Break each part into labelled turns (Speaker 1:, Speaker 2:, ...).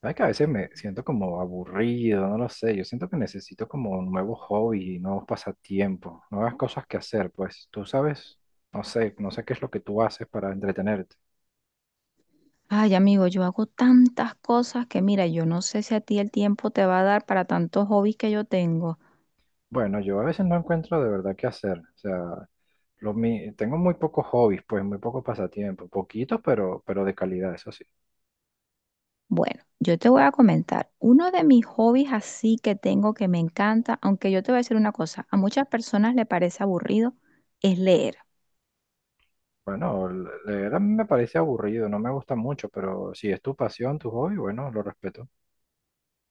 Speaker 1: ¿Sabes que a veces me siento como aburrido? No lo sé. Yo siento que necesito como nuevos hobbies, nuevos pasatiempos, nuevas cosas que hacer. Pues tú sabes, no sé, no sé qué es lo que tú haces para entretenerte.
Speaker 2: Ay, amigo, yo hago tantas cosas que mira, yo no sé si a ti el tiempo te va a dar para tantos hobbies que yo tengo.
Speaker 1: Bueno, yo a veces no encuentro de verdad qué hacer. O sea, tengo muy pocos hobbies, pues muy pocos pasatiempos. Poquitos, pero de calidad, eso sí.
Speaker 2: Bueno, yo te voy a comentar, uno de mis hobbies así que tengo que me encanta, aunque yo te voy a decir una cosa, a muchas personas le parece aburrido, es leer.
Speaker 1: Bueno, leer a mí me parece aburrido, no me gusta mucho, pero si es tu pasión, tu hobby, bueno, lo respeto.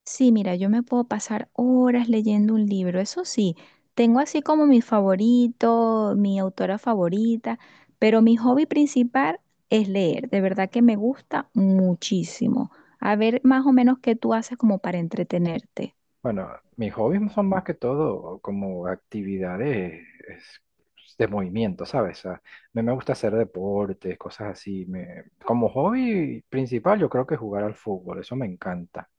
Speaker 2: Sí, mira, yo me puedo pasar horas leyendo un libro, eso sí, tengo así como mi favorito, mi autora favorita, pero mi hobby principal es leer, de verdad que me gusta muchísimo. A ver más o menos qué tú haces como para entretenerte.
Speaker 1: Bueno, mis hobbies son más que todo como actividades es, pues, de movimiento, ¿sabes? O sea, me gusta hacer deportes, cosas así. Me, como hobby principal yo creo que jugar al fútbol, eso me encanta.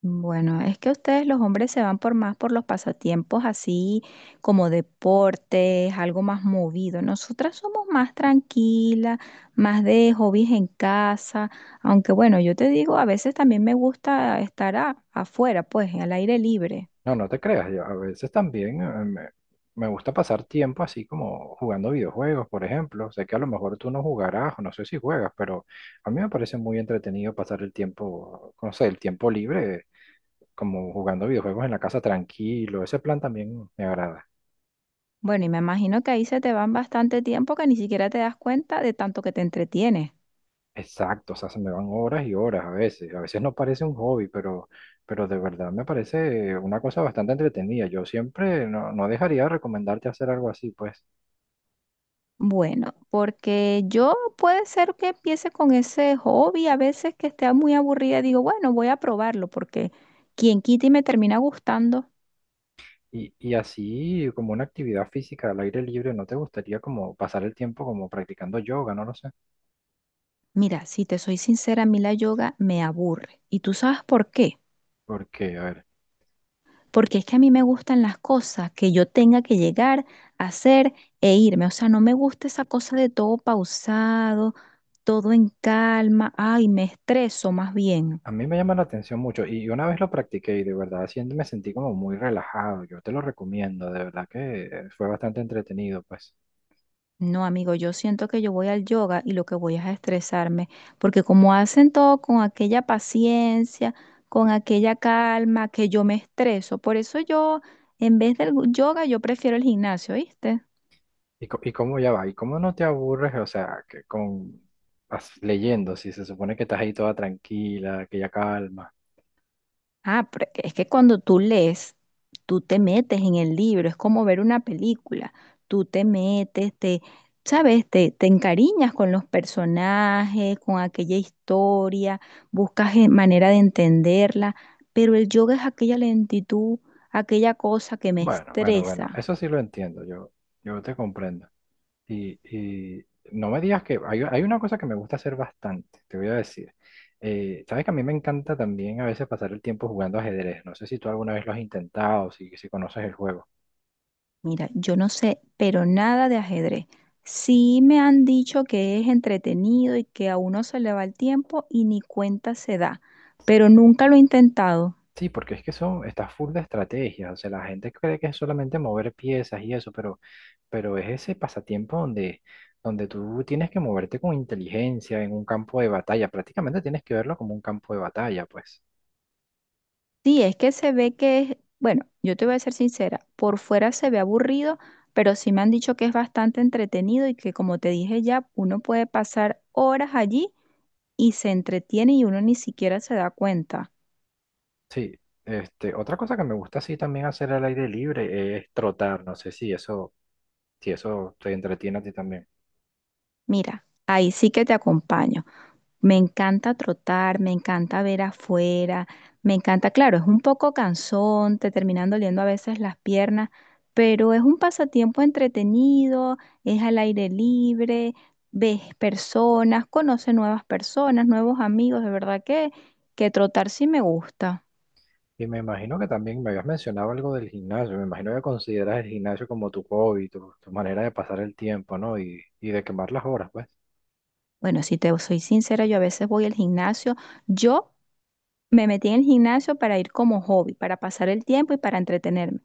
Speaker 2: Bueno, es que ustedes los hombres se van por más por los pasatiempos así como deportes, algo más movido. Nosotras somos más tranquilas, más de hobbies en casa, aunque bueno, yo te digo, a veces también me gusta estar afuera, pues, al aire libre.
Speaker 1: No, no te creas, yo a veces también me, me gusta pasar tiempo así como jugando videojuegos, por ejemplo. Sé que a lo mejor tú no jugarás, o no sé si juegas, pero a mí me parece muy entretenido pasar el tiempo, no sé, el tiempo libre como jugando videojuegos en la casa tranquilo. Ese plan también me agrada.
Speaker 2: Bueno, y me imagino que ahí se te van bastante tiempo que ni siquiera te das cuenta de tanto que te entretienes.
Speaker 1: Exacto, o sea, se me van horas y horas a veces. A veces no parece un hobby, pero de verdad me parece una cosa bastante entretenida. Yo siempre no, no dejaría de recomendarte hacer algo así, pues.
Speaker 2: Bueno, porque yo puede ser que empiece con ese hobby, a veces que esté muy aburrida, digo, bueno, voy a probarlo, porque quien quita y me termina gustando.
Speaker 1: Y así como una actividad física al aire libre, ¿no te gustaría como pasar el tiempo como practicando yoga? No lo sé.
Speaker 2: Mira, si te soy sincera, a mí la yoga me aburre. ¿Y tú sabes por qué?
Speaker 1: Porque, a ver,
Speaker 2: Porque es que a mí me gustan las cosas que yo tenga que llegar, hacer e irme. O sea, no me gusta esa cosa de todo pausado, todo en calma. Ay, me estreso más bien.
Speaker 1: a mí me llama la atención mucho y una vez lo practiqué y de verdad siento, me sentí como muy relajado. Yo te lo recomiendo, de verdad que fue bastante entretenido, pues.
Speaker 2: No, amigo, yo siento que yo voy al yoga y lo que voy es a estresarme, porque como hacen todo con aquella paciencia, con aquella calma, que yo me estreso. Por eso yo, en vez del yoga, yo prefiero el gimnasio, ¿viste?
Speaker 1: ¿Y, co- y cómo ya va? ¿Y cómo no te aburres? O sea, que con leyendo, si se supone que estás ahí toda tranquila, que ya calma.
Speaker 2: Ah, pero es que cuando tú lees, tú te metes en el libro, es como ver una película, tú te metes, te, sabes, te encariñas con los personajes, con aquella historia, buscas manera de entenderla, pero el yoga es aquella lentitud, aquella cosa que me
Speaker 1: Bueno, bueno, bueno,
Speaker 2: estresa.
Speaker 1: eso sí lo entiendo, yo te comprendo. Y no me digas que hay una cosa que me gusta hacer bastante, te voy a decir. Sabes que a mí me encanta también a veces pasar el tiempo jugando ajedrez. No sé si tú alguna vez lo has intentado, si, si conoces el juego.
Speaker 2: Mira, yo no sé, pero nada de ajedrez. Sí me han dicho que es entretenido y que a uno se le va el tiempo y ni cuenta se da, pero nunca lo he intentado.
Speaker 1: Sí, porque es que eso está full de estrategias. O sea, la gente cree que es solamente mover piezas y eso, pero es ese pasatiempo donde, donde tú tienes que moverte con inteligencia en un campo de batalla. Prácticamente tienes que verlo como un campo de batalla, pues.
Speaker 2: Sí, es que se ve que es, bueno, yo te voy a ser sincera, por fuera se ve aburrido, pero sí me han dicho que es bastante entretenido y que como te dije ya, uno puede pasar horas allí y se entretiene y uno ni siquiera se da cuenta.
Speaker 1: Sí, este, otra cosa que me gusta así también hacer al aire libre es trotar. No sé si eso, si eso te entretiene a ti también.
Speaker 2: Mira, ahí sí que te acompaño. Me encanta trotar, me encanta ver afuera, me encanta, claro, es un poco cansón, te terminan doliendo a veces las piernas, pero es un pasatiempo entretenido, es al aire libre, ves personas, conoces nuevas personas, nuevos amigos, de verdad que trotar sí me gusta.
Speaker 1: Y me imagino que también me habías mencionado algo del gimnasio. Me imagino que consideras el gimnasio como tu hobby, tu manera de pasar el tiempo, ¿no? Y de quemar las horas, pues.
Speaker 2: Bueno, si te soy sincera, yo a veces voy al gimnasio, yo me metí en el gimnasio para ir como hobby, para pasar el tiempo y para entretenerme.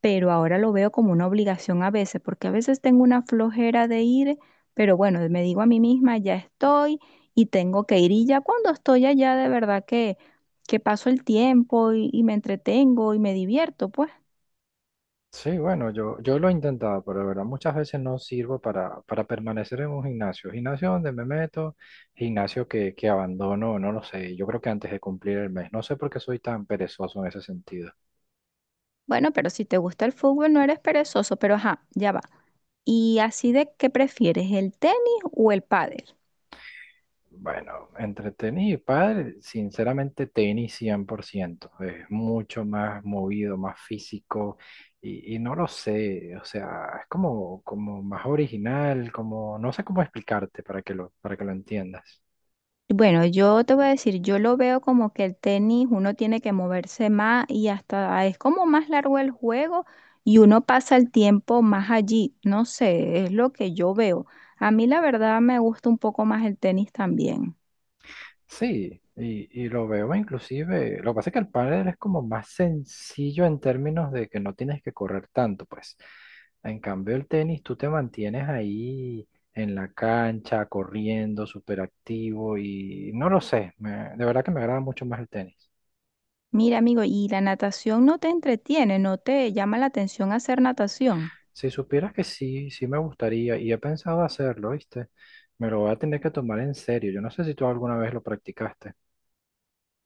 Speaker 2: Pero ahora lo veo como una obligación a veces, porque a veces tengo una flojera de ir, pero bueno, me digo a mí misma, ya estoy y tengo que ir. Y ya cuando estoy allá, de verdad que paso el tiempo y me entretengo y me divierto, pues.
Speaker 1: Sí, bueno, yo lo he intentado, pero de verdad muchas veces no sirvo para permanecer en un gimnasio. Gimnasio donde me meto, gimnasio que abandono, no lo sé. Yo creo que antes de cumplir el mes. No sé por qué soy tan perezoso en ese sentido.
Speaker 2: Bueno, pero si te gusta el fútbol, no eres perezoso, pero ajá, ya va. ¿Y así de qué prefieres, el tenis o el pádel?
Speaker 1: Bueno, entre tenis y pádel, sinceramente tenis 100%. Es mucho más movido, más físico y no lo sé. O sea, es como, como más original, como, no sé cómo explicarte para que lo entiendas.
Speaker 2: Bueno, yo te voy a decir, yo lo veo como que el tenis uno tiene que moverse más y hasta es como más largo el juego y uno pasa el tiempo más allí. No sé, es lo que yo veo. A mí la verdad me gusta un poco más el tenis también.
Speaker 1: Sí, y lo veo inclusive, lo que pasa es que el pádel es como más sencillo en términos de que no tienes que correr tanto, pues. En cambio el tenis, tú te mantienes ahí en la cancha, corriendo, súper activo y no lo sé, me- de verdad que me agrada mucho más el tenis.
Speaker 2: Mira, amigo, ¿y la natación no te entretiene, no te llama la atención hacer natación?
Speaker 1: Si supieras que sí, sí me gustaría y he pensado hacerlo, ¿viste? Me lo voy a tener que tomar en serio. Yo no sé si tú alguna vez lo practicaste.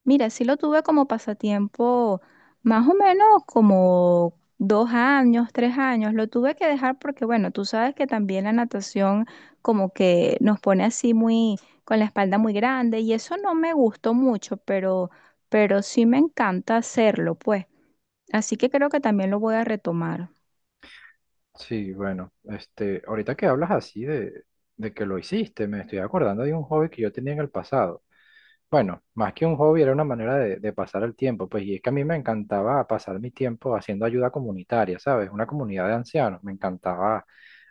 Speaker 2: Mira, sí lo tuve como pasatiempo más o menos como 2 años, 3 años. Lo tuve que dejar porque, bueno, tú sabes que también la natación como que nos pone así muy, con la espalda muy grande y eso no me gustó mucho, pero sí me encanta hacerlo, pues. Así que creo que también lo voy a retomar.
Speaker 1: Sí, bueno, este, ahorita que hablas así de que lo hiciste, me estoy acordando de un hobby que yo tenía en el pasado. Bueno, más que un hobby era una manera de pasar el tiempo, pues y es que a mí me encantaba pasar mi tiempo haciendo ayuda comunitaria, ¿sabes? Una comunidad de ancianos, me encantaba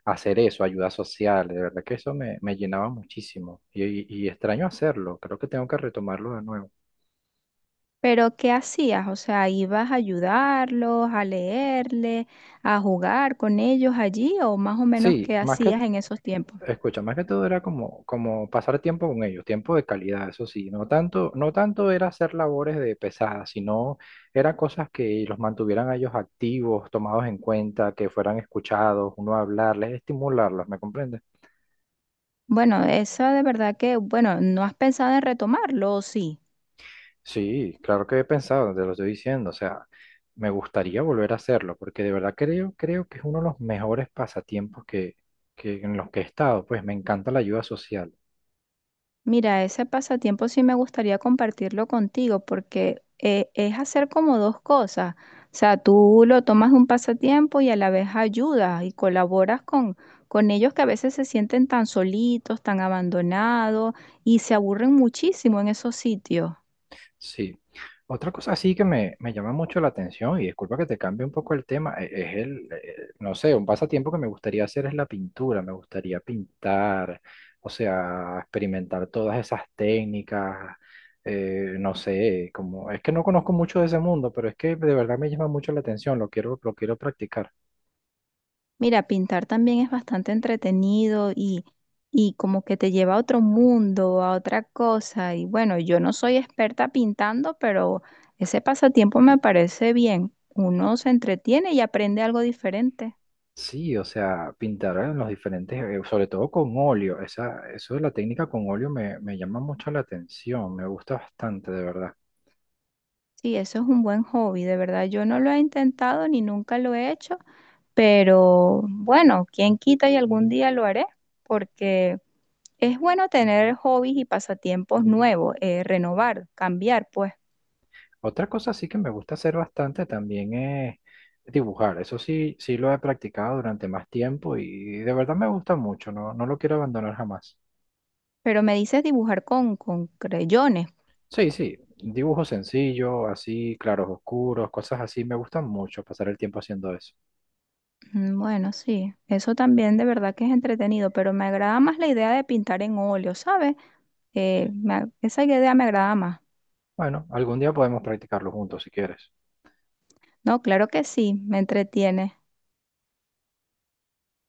Speaker 1: hacer eso, ayuda social, de verdad que eso me, me llenaba muchísimo y extraño hacerlo, creo que tengo que retomarlo de nuevo.
Speaker 2: Pero, ¿qué hacías? O sea, ¿ibas a ayudarlos, a leerle, a jugar con ellos allí o más o menos
Speaker 1: Sí,
Speaker 2: qué
Speaker 1: más que
Speaker 2: hacías en esos tiempos?
Speaker 1: escucha, más que todo era como, como pasar tiempo con ellos, tiempo de calidad, eso sí, no tanto, no tanto era hacer labores de pesadas, sino era cosas que los mantuvieran a ellos activos, tomados en cuenta, que fueran escuchados, uno hablarles, estimularlos, ¿me comprendes?
Speaker 2: Bueno, esa de verdad que, bueno, ¿no has pensado en retomarlo o sí?
Speaker 1: Sí, claro que he pensado, te lo estoy diciendo, o sea, me gustaría volver a hacerlo, porque de verdad creo, creo que es uno de los mejores pasatiempos que en los que he estado, pues me encanta la ayuda social.
Speaker 2: Mira, ese pasatiempo sí me gustaría compartirlo contigo porque es hacer como dos cosas. O sea, tú lo tomas de un pasatiempo y a la vez ayudas y colaboras con ellos que a veces se sienten tan solitos, tan abandonados y se aburren muchísimo en esos sitios.
Speaker 1: Sí. Otra cosa así que me llama mucho la atención, y disculpa que te cambie un poco el tema, es el, no sé, un pasatiempo que me gustaría hacer es la pintura, me gustaría pintar, o sea, experimentar todas esas técnicas, no sé, como, es que no conozco mucho de ese mundo, pero es que de verdad me llama mucho la atención, lo quiero practicar.
Speaker 2: Mira, pintar también es bastante entretenido y como que te lleva a otro mundo, a otra cosa. Y bueno, yo no soy experta pintando, pero ese pasatiempo me parece bien. Uno se entretiene y aprende algo diferente.
Speaker 1: Sí, o sea, pintar en los diferentes, sobre todo con óleo, esa, eso de la técnica con óleo me, me llama mucho la atención, me gusta bastante, de verdad.
Speaker 2: Sí, eso es un buen hobby, de verdad. Yo no lo he intentado ni nunca lo he hecho, pero bueno, quién quita y algún día lo haré, porque es bueno tener hobbies y pasatiempos nuevos, renovar, cambiar, pues.
Speaker 1: Otra cosa sí que me gusta hacer bastante también es dibujar. Eso sí, sí lo he practicado durante más tiempo y de verdad me gusta mucho, no, no lo quiero abandonar jamás.
Speaker 2: Pero me dices dibujar con creyones.
Speaker 1: Sí, sí, dibujos sencillos, así, claros oscuros, cosas así, me gustan mucho pasar el tiempo haciendo eso.
Speaker 2: Mm, bueno, sí, eso también de verdad que es entretenido, pero me agrada más la idea de pintar en óleo, ¿sabes? Esa idea me agrada más.
Speaker 1: Bueno, algún día podemos practicarlo juntos si quieres.
Speaker 2: No, claro que sí, me entretiene.